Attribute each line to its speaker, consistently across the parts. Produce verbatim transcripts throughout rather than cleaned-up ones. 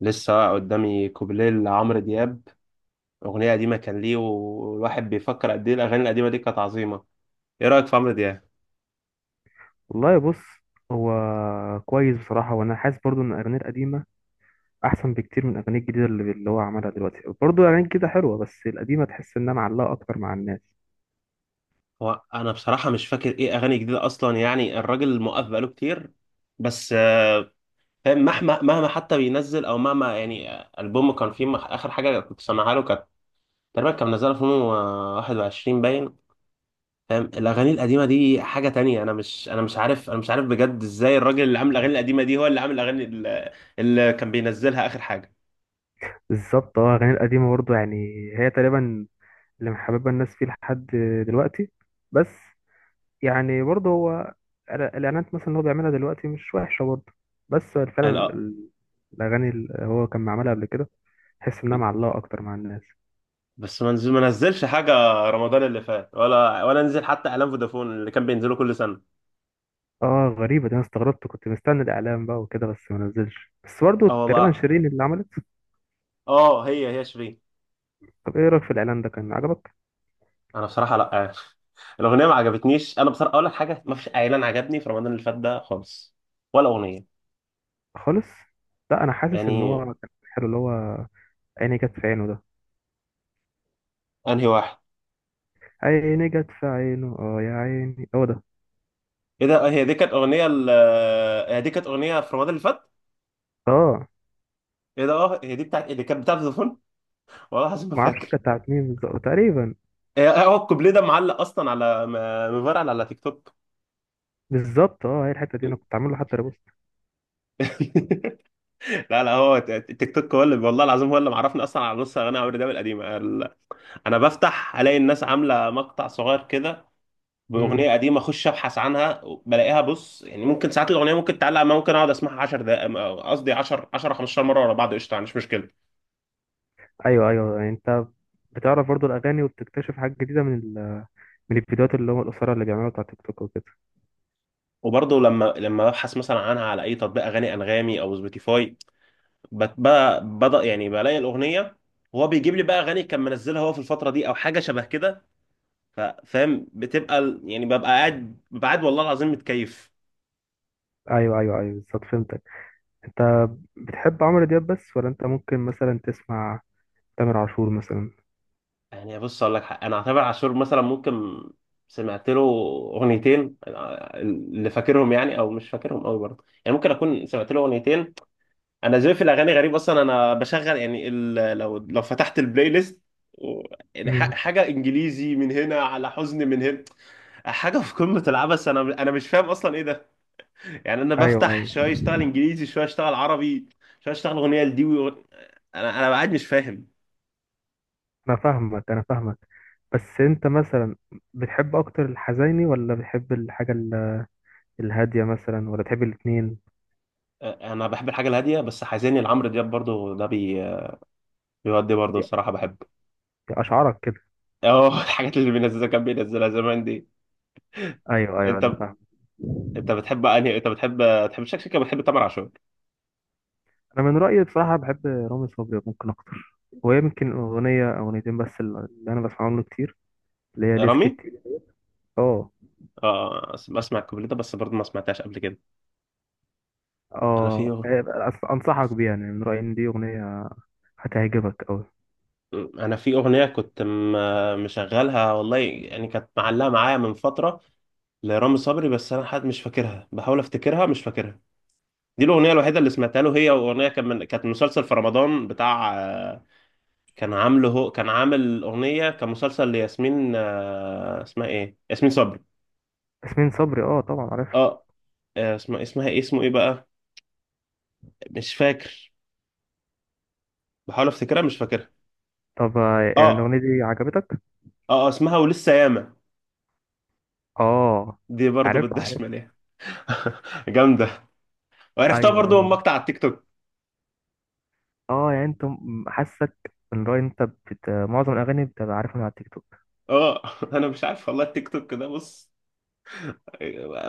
Speaker 1: لسه قدامي كوبليه لعمرو دياب، أغنية قديمة كان ليه والواحد بيفكر قد إيه الأغاني القديمة دي كانت عظيمة. إيه رأيك في عمرو دياب؟
Speaker 2: والله بص. هو كويس بصراحة، وأنا حاسس برضو إن أغانيه القديمة أحسن بكتير من أغانيه الجديدة اللي, اللي هو عملها دلوقتي. برضو أغانيه الجديدة حلوة، بس القديمة تحس إنها معلقة أكتر مع الناس.
Speaker 1: هو أنا بصراحة مش فاكر إيه أغاني جديدة أصلا، يعني الراجل موقف بقاله كتير، بس آه، فاهم، مهما مهما حتى بينزل أو مهما، يعني آه، ألبومه كان فيه مخ- آخر حاجة كنت سامعها له كانت تقريبا كان منزلها في ألفين وواحد وعشرين باين. فاهم الأغاني القديمة دي حاجة تانية. أنا مش أنا مش عارف أنا مش عارف بجد إزاي الراجل اللي عامل الأغاني القديمة دي هو اللي عامل الأغاني اللي اللي كان بينزلها آخر حاجة.
Speaker 2: بالظبط، اه أغانيه القديمة برضو، يعني هي تقريبا اللي محببة الناس فيه لحد دلوقتي. بس يعني برضو هو الإعلا- الإعلانات مثلا اللي هو بيعملها دلوقتي مش وحشة برضو، بس فعلا
Speaker 1: الأ-
Speaker 2: ال- الأغاني اللي هو كان عملها قبل كده تحس إنها معلقة أكتر مع الناس.
Speaker 1: بس ما نزل ما نزلش حاجه رمضان اللي فات، ولا ولا نزل حتى اعلان فودافون اللي كان بينزله كل سنه.
Speaker 2: اه غريبة دي، انا استغربت، كنت مستني الاعلان بقى وكده بس ما نزلش، بس برضه
Speaker 1: اه
Speaker 2: تقريبا
Speaker 1: والله.
Speaker 2: شيرين اللي عملت.
Speaker 1: اه هي هي شيرين.
Speaker 2: طب ايه رأيك في الاعلان ده، كان عجبك؟
Speaker 1: انا بصراحه لا عارف. الاغنيه ما عجبتنيش. انا بصراحه اقول لك حاجه، ما فيش اعلان عجبني في رمضان اللي فات ده خالص، ولا اغنيه.
Speaker 2: خالص، لا انا حاسس ان
Speaker 1: يعني
Speaker 2: هو كان حلو، اللي هو عيني جت في عينه ده.
Speaker 1: انهي واحد؟
Speaker 2: عيني جت في عينه، اه يا عيني هو ده.
Speaker 1: ايه ده، هي دي كانت اغنيه ال- هي دي كانت اغنيه في رمضان اللي فات؟
Speaker 2: اه،
Speaker 1: ايه ده، اه هي دي بتاعت اللي كانت بتاعت فودافون. والله العظيم ما
Speaker 2: ما اعرفش
Speaker 1: فاكر.
Speaker 2: كانت بتاعت مين بالظبط تقريبا.
Speaker 1: هي- هو الكوبليه ده معلق اصلا على م- مفرقع على تيك توك.
Speaker 2: بالظبط، اه هي الحتة دي انا كنت عامل له حتى ريبوست.
Speaker 1: لا لا، هو ت- تيك توك هو اللي، والله العظيم، هو اللي معرفني اصلا على نص اغاني عمرو دياب القديمه ال- انا بفتح الاقي الناس عامله مقطع صغير كده
Speaker 2: امم
Speaker 1: باغنيه قديمه، اخش ابحث عنها بلاقيها. بص يعني، ممكن ساعات الاغنيه ممكن تعلق معايا، ممكن اقعد اسمعها عشر دقائق، م- قصدي عشر عشر خمستاشر مره ورا بعض، قشطه مش مشكله.
Speaker 2: ايوه ايوه، يعني انت بتعرف برضه الاغاني وبتكتشف حاجات جديدة من ال... من الفيديوهات اللي هم القصيرة اللي بيعملوها بتاع تيك توك وكده.
Speaker 1: وبرضه لما لما ببحث مثلا عنها على اي تطبيق اغاني، انغامي او سبوتيفاي، بت- ب- بدا، يعني بلاقي الاغنيه، وهو بيجيب لي بقى اغاني كان منزلها هو في الفتره دي او حاجه شبه كده. ف- فاهم، بتبقى ال- يعني ببقى قاعد ببقى قاعد والله العظيم متكيف.
Speaker 2: ايوه ايوه ايوه، بالظبط فهمتك. انت بتحب عمرو دياب بس، ولا انت ممكن مثلا تسمع تامر عاشور مثلا؟
Speaker 1: يعني بص اقول لك حق، انا اعتبر عاشور مثلا، ممكن سمعت له اغنيتين آه، اللي فاكرهم يعني، او مش فاكرهم قوي برضه، يعني ممكن اكون سمعت له اغنيتين. انا ذوقي في الاغاني غريب اصلا، انا بشغل يعني ال... لو لو فتحت البلاي ليست و- يعني ح-
Speaker 2: امم
Speaker 1: حاجه انجليزي من هنا، على حزن من هنا، حاجه في قمه العبث. انا انا مش فاهم اصلا ايه. يعني انا
Speaker 2: ايوه
Speaker 1: بفتح
Speaker 2: ايوه،
Speaker 1: شويه اشتغل انجليزي، شويه اشتغل عربي، شويه اشتغل اغنيه لدي ويغ- انا انا قاعد مش فاهم.
Speaker 2: انا فاهمك انا فاهمك. بس انت مثلا بتحب اكتر الحزيني، ولا بتحب الحاجه ال- الهاديه مثلا، ولا بتحب الاتنين؟
Speaker 1: انا بحب الحاجه الهاديه، بس حزيني لعمرو دياب برضو ده بي... بيودي برضو
Speaker 2: يا-
Speaker 1: الصراحه بحب.
Speaker 2: يا اشعارك كده.
Speaker 1: اه الحاجات اللي بينزلها، كان بينزلها زمان دي.
Speaker 2: ايوه ايوه
Speaker 1: انت
Speaker 2: انا فاهم.
Speaker 1: انت بتحب انهي انت بتحب، تحب شكلك كده بتحب تامر عاشور؟
Speaker 2: انا من رايي بصراحه بحب رامي صبري ممكن اكتر، ويمكن اغنيه او اغنيتين بس اللي انا بسمعهم له كتير، اللي هي ليس
Speaker 1: رامي؟
Speaker 2: كتير. اه.
Speaker 1: اه أس- بسمع الكوبليه ده بس، برضو ما سمعتهاش قبل كده. انا في
Speaker 2: اه،
Speaker 1: أغ-
Speaker 2: أص- انصحك بيها، يعني من رايي ان دي اغنيه هتعجبك قوي.
Speaker 1: انا في اغنيه كنت م... مشغلها والله، يعني كانت معلقه معايا من فتره لرامي صبري، بس انا حد مش فاكرها، بحاول افتكرها مش فاكرها. دي الاغنيه الوحيده اللي سمعتها له، هي اغنيه كان من... كانت مسلسل في رمضان بتاع آه، كان عامله هو كان عامل اغنيه، كان مسلسل لياسمين آه، اسمها ايه، ياسمين صبري.
Speaker 2: ياسمين صبري، اه طبعا عارفها.
Speaker 1: اه آه، اسمها اسمها ايه، اسمه ايه بقى، مش فاكر، بحاول افتكرها مش فاكرها.
Speaker 2: طب آه، يعني
Speaker 1: اه
Speaker 2: الأغنية دي عجبتك؟
Speaker 1: اه آه، اسمها ولسه ياما.
Speaker 2: اه.
Speaker 1: دي برضو
Speaker 2: عارفها عارف.
Speaker 1: بالدشمل يعني. جامده. وعرفتها
Speaker 2: ايوه
Speaker 1: برضو من
Speaker 2: ايوه.
Speaker 1: مقطع على التيك توك.
Speaker 2: اه يعني انت م- حاسك ان رأي انت بت... معظم الأغاني بتبقى عارفها من على التيك توك.
Speaker 1: اه انا مش عارف والله، التيك توك ده بص،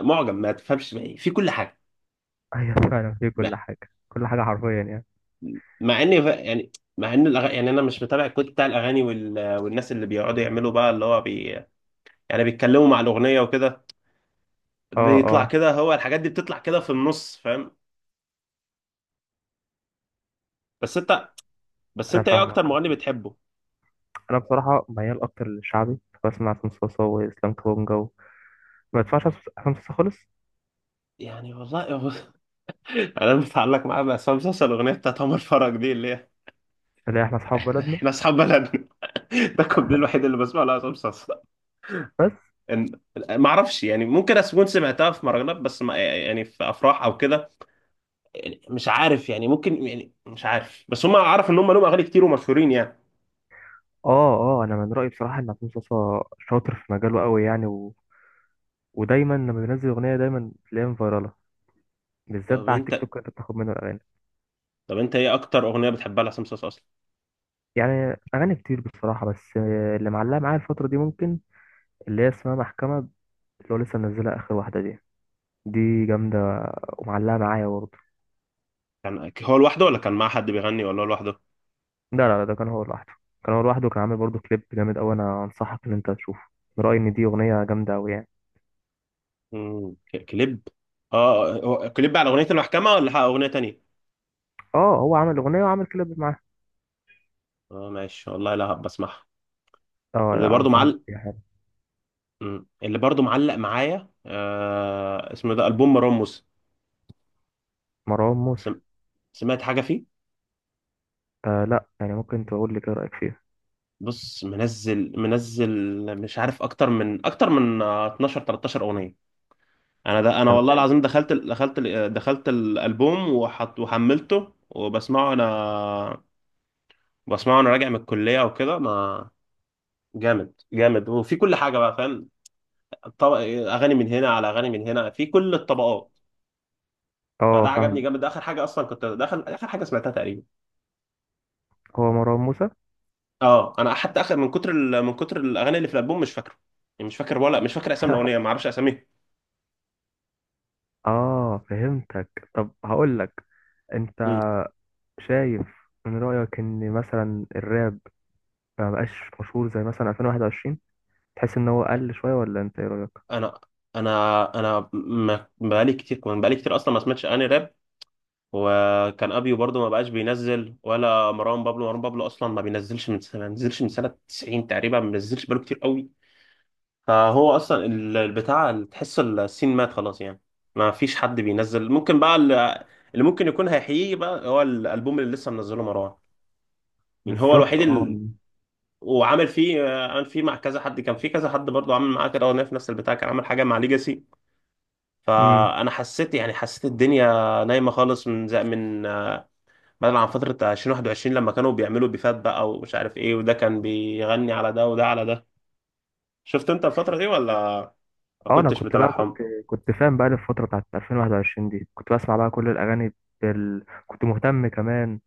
Speaker 1: معجم ما تفهمش بقى إيه. في كل حاجه.
Speaker 2: ايوه فعلا في كل حاجة، كل حاجة حرفيا يعني.
Speaker 1: مع اني ف- يعني، مع ان الأغ... يعني انا مش متابع الكود بتاع الاغاني وال... والناس اللي بيقعدوا يعملوا بقى اللي هو بي... يعني بيتكلموا مع الاغنيه وكده،
Speaker 2: اه
Speaker 1: بيطلع
Speaker 2: اه،
Speaker 1: كده، هو الحاجات دي بتطلع كده في النص، فاهم؟ بس انت بس
Speaker 2: انا
Speaker 1: انت ايه اكتر
Speaker 2: فاهمك.
Speaker 1: مغني بتحبه؟
Speaker 2: انا بصراحة ميال اكتر للشعبي، بسمع عصام صاصا واسلام كابونجا و... ما بدفعش عصام صاصا خالص.
Speaker 1: يعني والله هو- انا متعلق معاه بعصام صاصا الاغنيه بتاعت عمر فرج دي اللي هي
Speaker 2: اللي احنا اصحاب بلدنا
Speaker 1: احنا اصحاب بلدنا. ده الكوبليه الوحيد اللي بسمعه لعصام صاصا.
Speaker 2: بس.
Speaker 1: إن- ما اعرفش يعني، ممكن اكون سمعتها في مهرجانات بس ما... يعني في افراح او كده. يعني مش عارف، يعني ممكن، يعني مش عارف، بس هم عارف ان هم لهم اغاني كتير ومشهورين يعني.
Speaker 2: اه اه، انا من رأيي بصراحة ان عصام صاصا شاطر في مجاله قوي يعني و... ودايما لما بينزل اغنية دايما تلاقيها فايرالة، بالذات
Speaker 1: طب
Speaker 2: بقى على التيك
Speaker 1: انت
Speaker 2: توك انت بتاخد منه الاغاني.
Speaker 1: طب انت ايه اكتر اغنيه بتحبها لحسام صاصا اصلا؟
Speaker 2: يعني اغاني كتير بصراحه، بس آه، اللي معلقه معايا الفتره دي ممكن اللي هي اسمها محكمه، اللي هو لسه منزلها اخر واحده دي. دي جامده ومعلقه معايا برضه.
Speaker 1: كان هو لوحده ولا كان مع حد بيغني ولا هو لوحده؟
Speaker 2: لا لا لا، ده كان هو لوحده. كان هو لوحده، كان عامل برضه كليب جامد قوي، انا انصحك ان انت تشوفه. من رايي ان دي اغنيه جامده قوي يعني.
Speaker 1: مم. ك- كليب؟ اه هو كليب على اغنيه المحكمه ولا اغنيه تانية؟
Speaker 2: اه هو عامل اغنيه وعامل كليب معاها.
Speaker 1: اه ماشي والله، لا بسمعها.
Speaker 2: اه
Speaker 1: اللي
Speaker 2: لا،
Speaker 1: برضو
Speaker 2: انصحك
Speaker 1: معلق،
Speaker 2: بيها، حلو.
Speaker 1: مم، اللي برضو معلق معايا آه، اسمه ده البوم مروان موسى.
Speaker 2: مروان موسى؟
Speaker 1: سم... سمعت حاجه فيه.
Speaker 2: آه لا، يعني ممكن تقول لي كده رايك فيه.
Speaker 1: بص منزل منزل، مش عارف اكتر من اكتر من آه، اتناشر تلتاشر اغنيه. انا ده انا والله
Speaker 2: تمام.
Speaker 1: العظيم دخلت ال- دخلت ال- دخلت الالبوم وحط وحملته وبسمعه، انا بسمعه وانا راجع من الكليه وكده. ما، جامد جامد، وفي كل حاجه بقى فاهم. طب... اغاني من هنا، على اغاني من هنا، في كل الطبقات.
Speaker 2: اه
Speaker 1: فده عجبني
Speaker 2: فاهم.
Speaker 1: جامد، ده اخر حاجه اصلا كنت، ده اخر اخر حاجه سمعتها تقريبا.
Speaker 2: هو مروان موسى.
Speaker 1: اه انا حتى اخر، من كتر ال... من كتر الاغاني اللي في الالبوم مش فاكره، يعني مش فاكر، ولا مش فاكر اسامي الاغنيه، ما اعرفش اساميها.
Speaker 2: اه فهمتك. طب هقول لك، انت
Speaker 1: أمم.
Speaker 2: شايف من رأيك ان مثلا الراب ما بقاش مشهور زي مثلا ألفين وواحد وعشرين؟ تحس ان هو قل شوية، ولا انت ايه رأيك؟
Speaker 1: انا انا انا ما بقالي كتير، كمان بقالي كتير اصلا ما سمعتش اغاني راب، وكان ابيو برضو ما بقاش بينزل، ولا مروان بابلو، مروان بابلو اصلا ما بينزلش من، ما بينزلش من سنه تسعين تقريبا، ما بينزلش بقاله كتير قوي. فهو اصلا ال- البتاع تحس السين مات خلاص، يعني ما فيش حد بينزل. ممكن بقى اللي، اللي ممكن يكون هيحييه بقى هو الالبوم اللي لسه منزله مروان. يعني هو الوحيد
Speaker 2: بالظبط اه.
Speaker 1: اللي، وعامل فيه، عامل فيه مع كذا حد، كان في كذا حد برضو عامل معاه كده، هو في نفس البتاع كان عامل حاجه مع ليجاسي.
Speaker 2: امم
Speaker 1: فانا حسيت، يعني حسيت الدنيا نايمه خالص من زي من بدل عن فترة ألفين وواحد وعشرين لما كانوا بيعملوا بيفات بقى، ومش عارف ايه، وده كان بيغني على ده وده على ده. شفت انت الفترة دي ولا ما
Speaker 2: اه انا
Speaker 1: كنتش
Speaker 2: كنت بقى كنت
Speaker 1: متابعهم؟
Speaker 2: كنت فاهم بقى الفترة بتاعت ألفين وواحد وعشرين دي كنت بسمع بقى كل الاغاني، بال... كنت مهتم كمان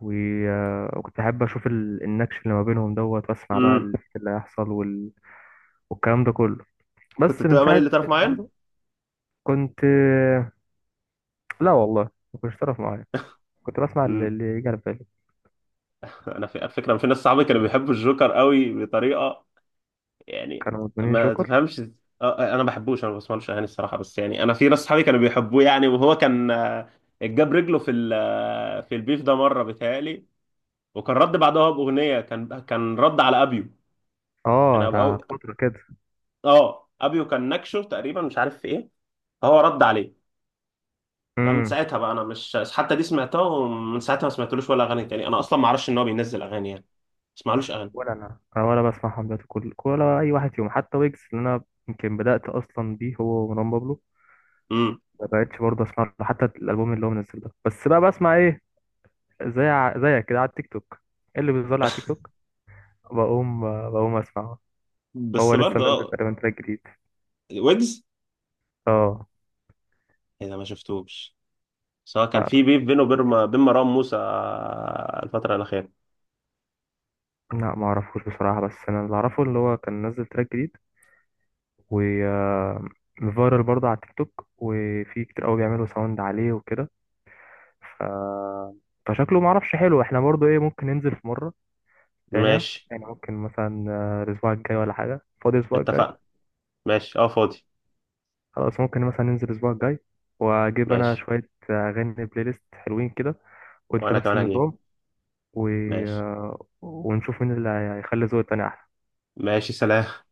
Speaker 2: و... آه، وكنت احب اشوف ال... النكش اللي ما بينهم دوت، واسمع بقى
Speaker 1: امم.
Speaker 2: اللي اللي هيحصل وال... والكلام ده كله.
Speaker 1: كنت
Speaker 2: بس من
Speaker 1: بتبقى مالي
Speaker 2: ساعة
Speaker 1: اللي طرف
Speaker 2: الحوار
Speaker 1: معين؟
Speaker 2: ده كنت، لا والله ما كنتش تعرف معايا، كنت بسمع اللي
Speaker 1: امم.
Speaker 2: اللي يجي على بالي.
Speaker 1: انا في، على فكرة، أنا في ناس صحابي كانوا بيحبوا الجوكر قوي بطريقة يعني
Speaker 2: كانوا مدمنين
Speaker 1: ما
Speaker 2: جوكر.
Speaker 1: تفهمش. آه، آه، انا ما بحبوش، انا ما بسمعلوش اغاني الصراحة، بس يعني انا في ناس صحابي كانوا بيحبوه يعني، وهو كان آه، جاب رجله في ال- آه، في البيف ده مرة بيتهيألي، وكان رد بعدها بأغنية، كان كان رد على ابيو يعني.
Speaker 2: اه ده فترة كده.
Speaker 1: اه ابيو كان نكشه تقريبا مش عارف في ايه، فهو رد عليه. فمن
Speaker 2: امم
Speaker 1: ساعتها بقى انا مش حتى دي سمعتها، ومن ساعتها ما سمعتلوش ولا اغاني تاني، انا اصلا ما اعرفش ان هو بينزل اغاني، يعني ما اسمعلوش اغاني.
Speaker 2: ولا انا، انا ولا بسمع حملات كل، ولا اي واحد فيهم حتى ويجز اللي انا يمكن بدأت اصلا بيه، هو ومروان بابلو.
Speaker 1: امم.
Speaker 2: ما بقتش برضه اسمع له حتى الالبوم اللي هو منزل ده، بس بقى بسمع ايه؟ زي ع- زيك كده على التيك توك. إيه اللي بيظهر لي على التيك توك بقوم بقوم اسمعه.
Speaker 1: بس
Speaker 2: هو لسه
Speaker 1: برضه
Speaker 2: منزل
Speaker 1: اه،
Speaker 2: تقريبا تراك جديد.
Speaker 1: ويجز،
Speaker 2: اه
Speaker 1: اذا ما شفتوش، سواء كان في
Speaker 2: لا
Speaker 1: بيف بينه وبين بين مروان موسى الفترة الأخيرة؟
Speaker 2: لا ما اعرفوش بصراحة، بس انا اللي اعرفه اللي هو كان نزل تراك جديد وفايرال برضه على التيك توك، وفي كتير قوي بيعملوا ساوند عليه وكده. ف... فشكله معرفش حلو. احنا برضه ايه، ممكن ننزل في مرة تانية،
Speaker 1: ماشي.
Speaker 2: يعني ممكن مثلا آه، الأسبوع الجاي ولا حاجة؟ فاضي الأسبوع الجاي.
Speaker 1: اتفقنا. ماشي اه فاضي.
Speaker 2: خلاص، ممكن مثلا ننزل الأسبوع الجاي، وأجيب أنا
Speaker 1: ماشي.
Speaker 2: شوية آه، أغاني بلاي ليست حلوين كده. وأنت
Speaker 1: وانا
Speaker 2: نفس
Speaker 1: كمان هجيب.
Speaker 2: النظام. و...
Speaker 1: ماشي.
Speaker 2: آه، ونشوف مين اللي هيخلي ذوق التاني أحلى.
Speaker 1: ماشي سلام.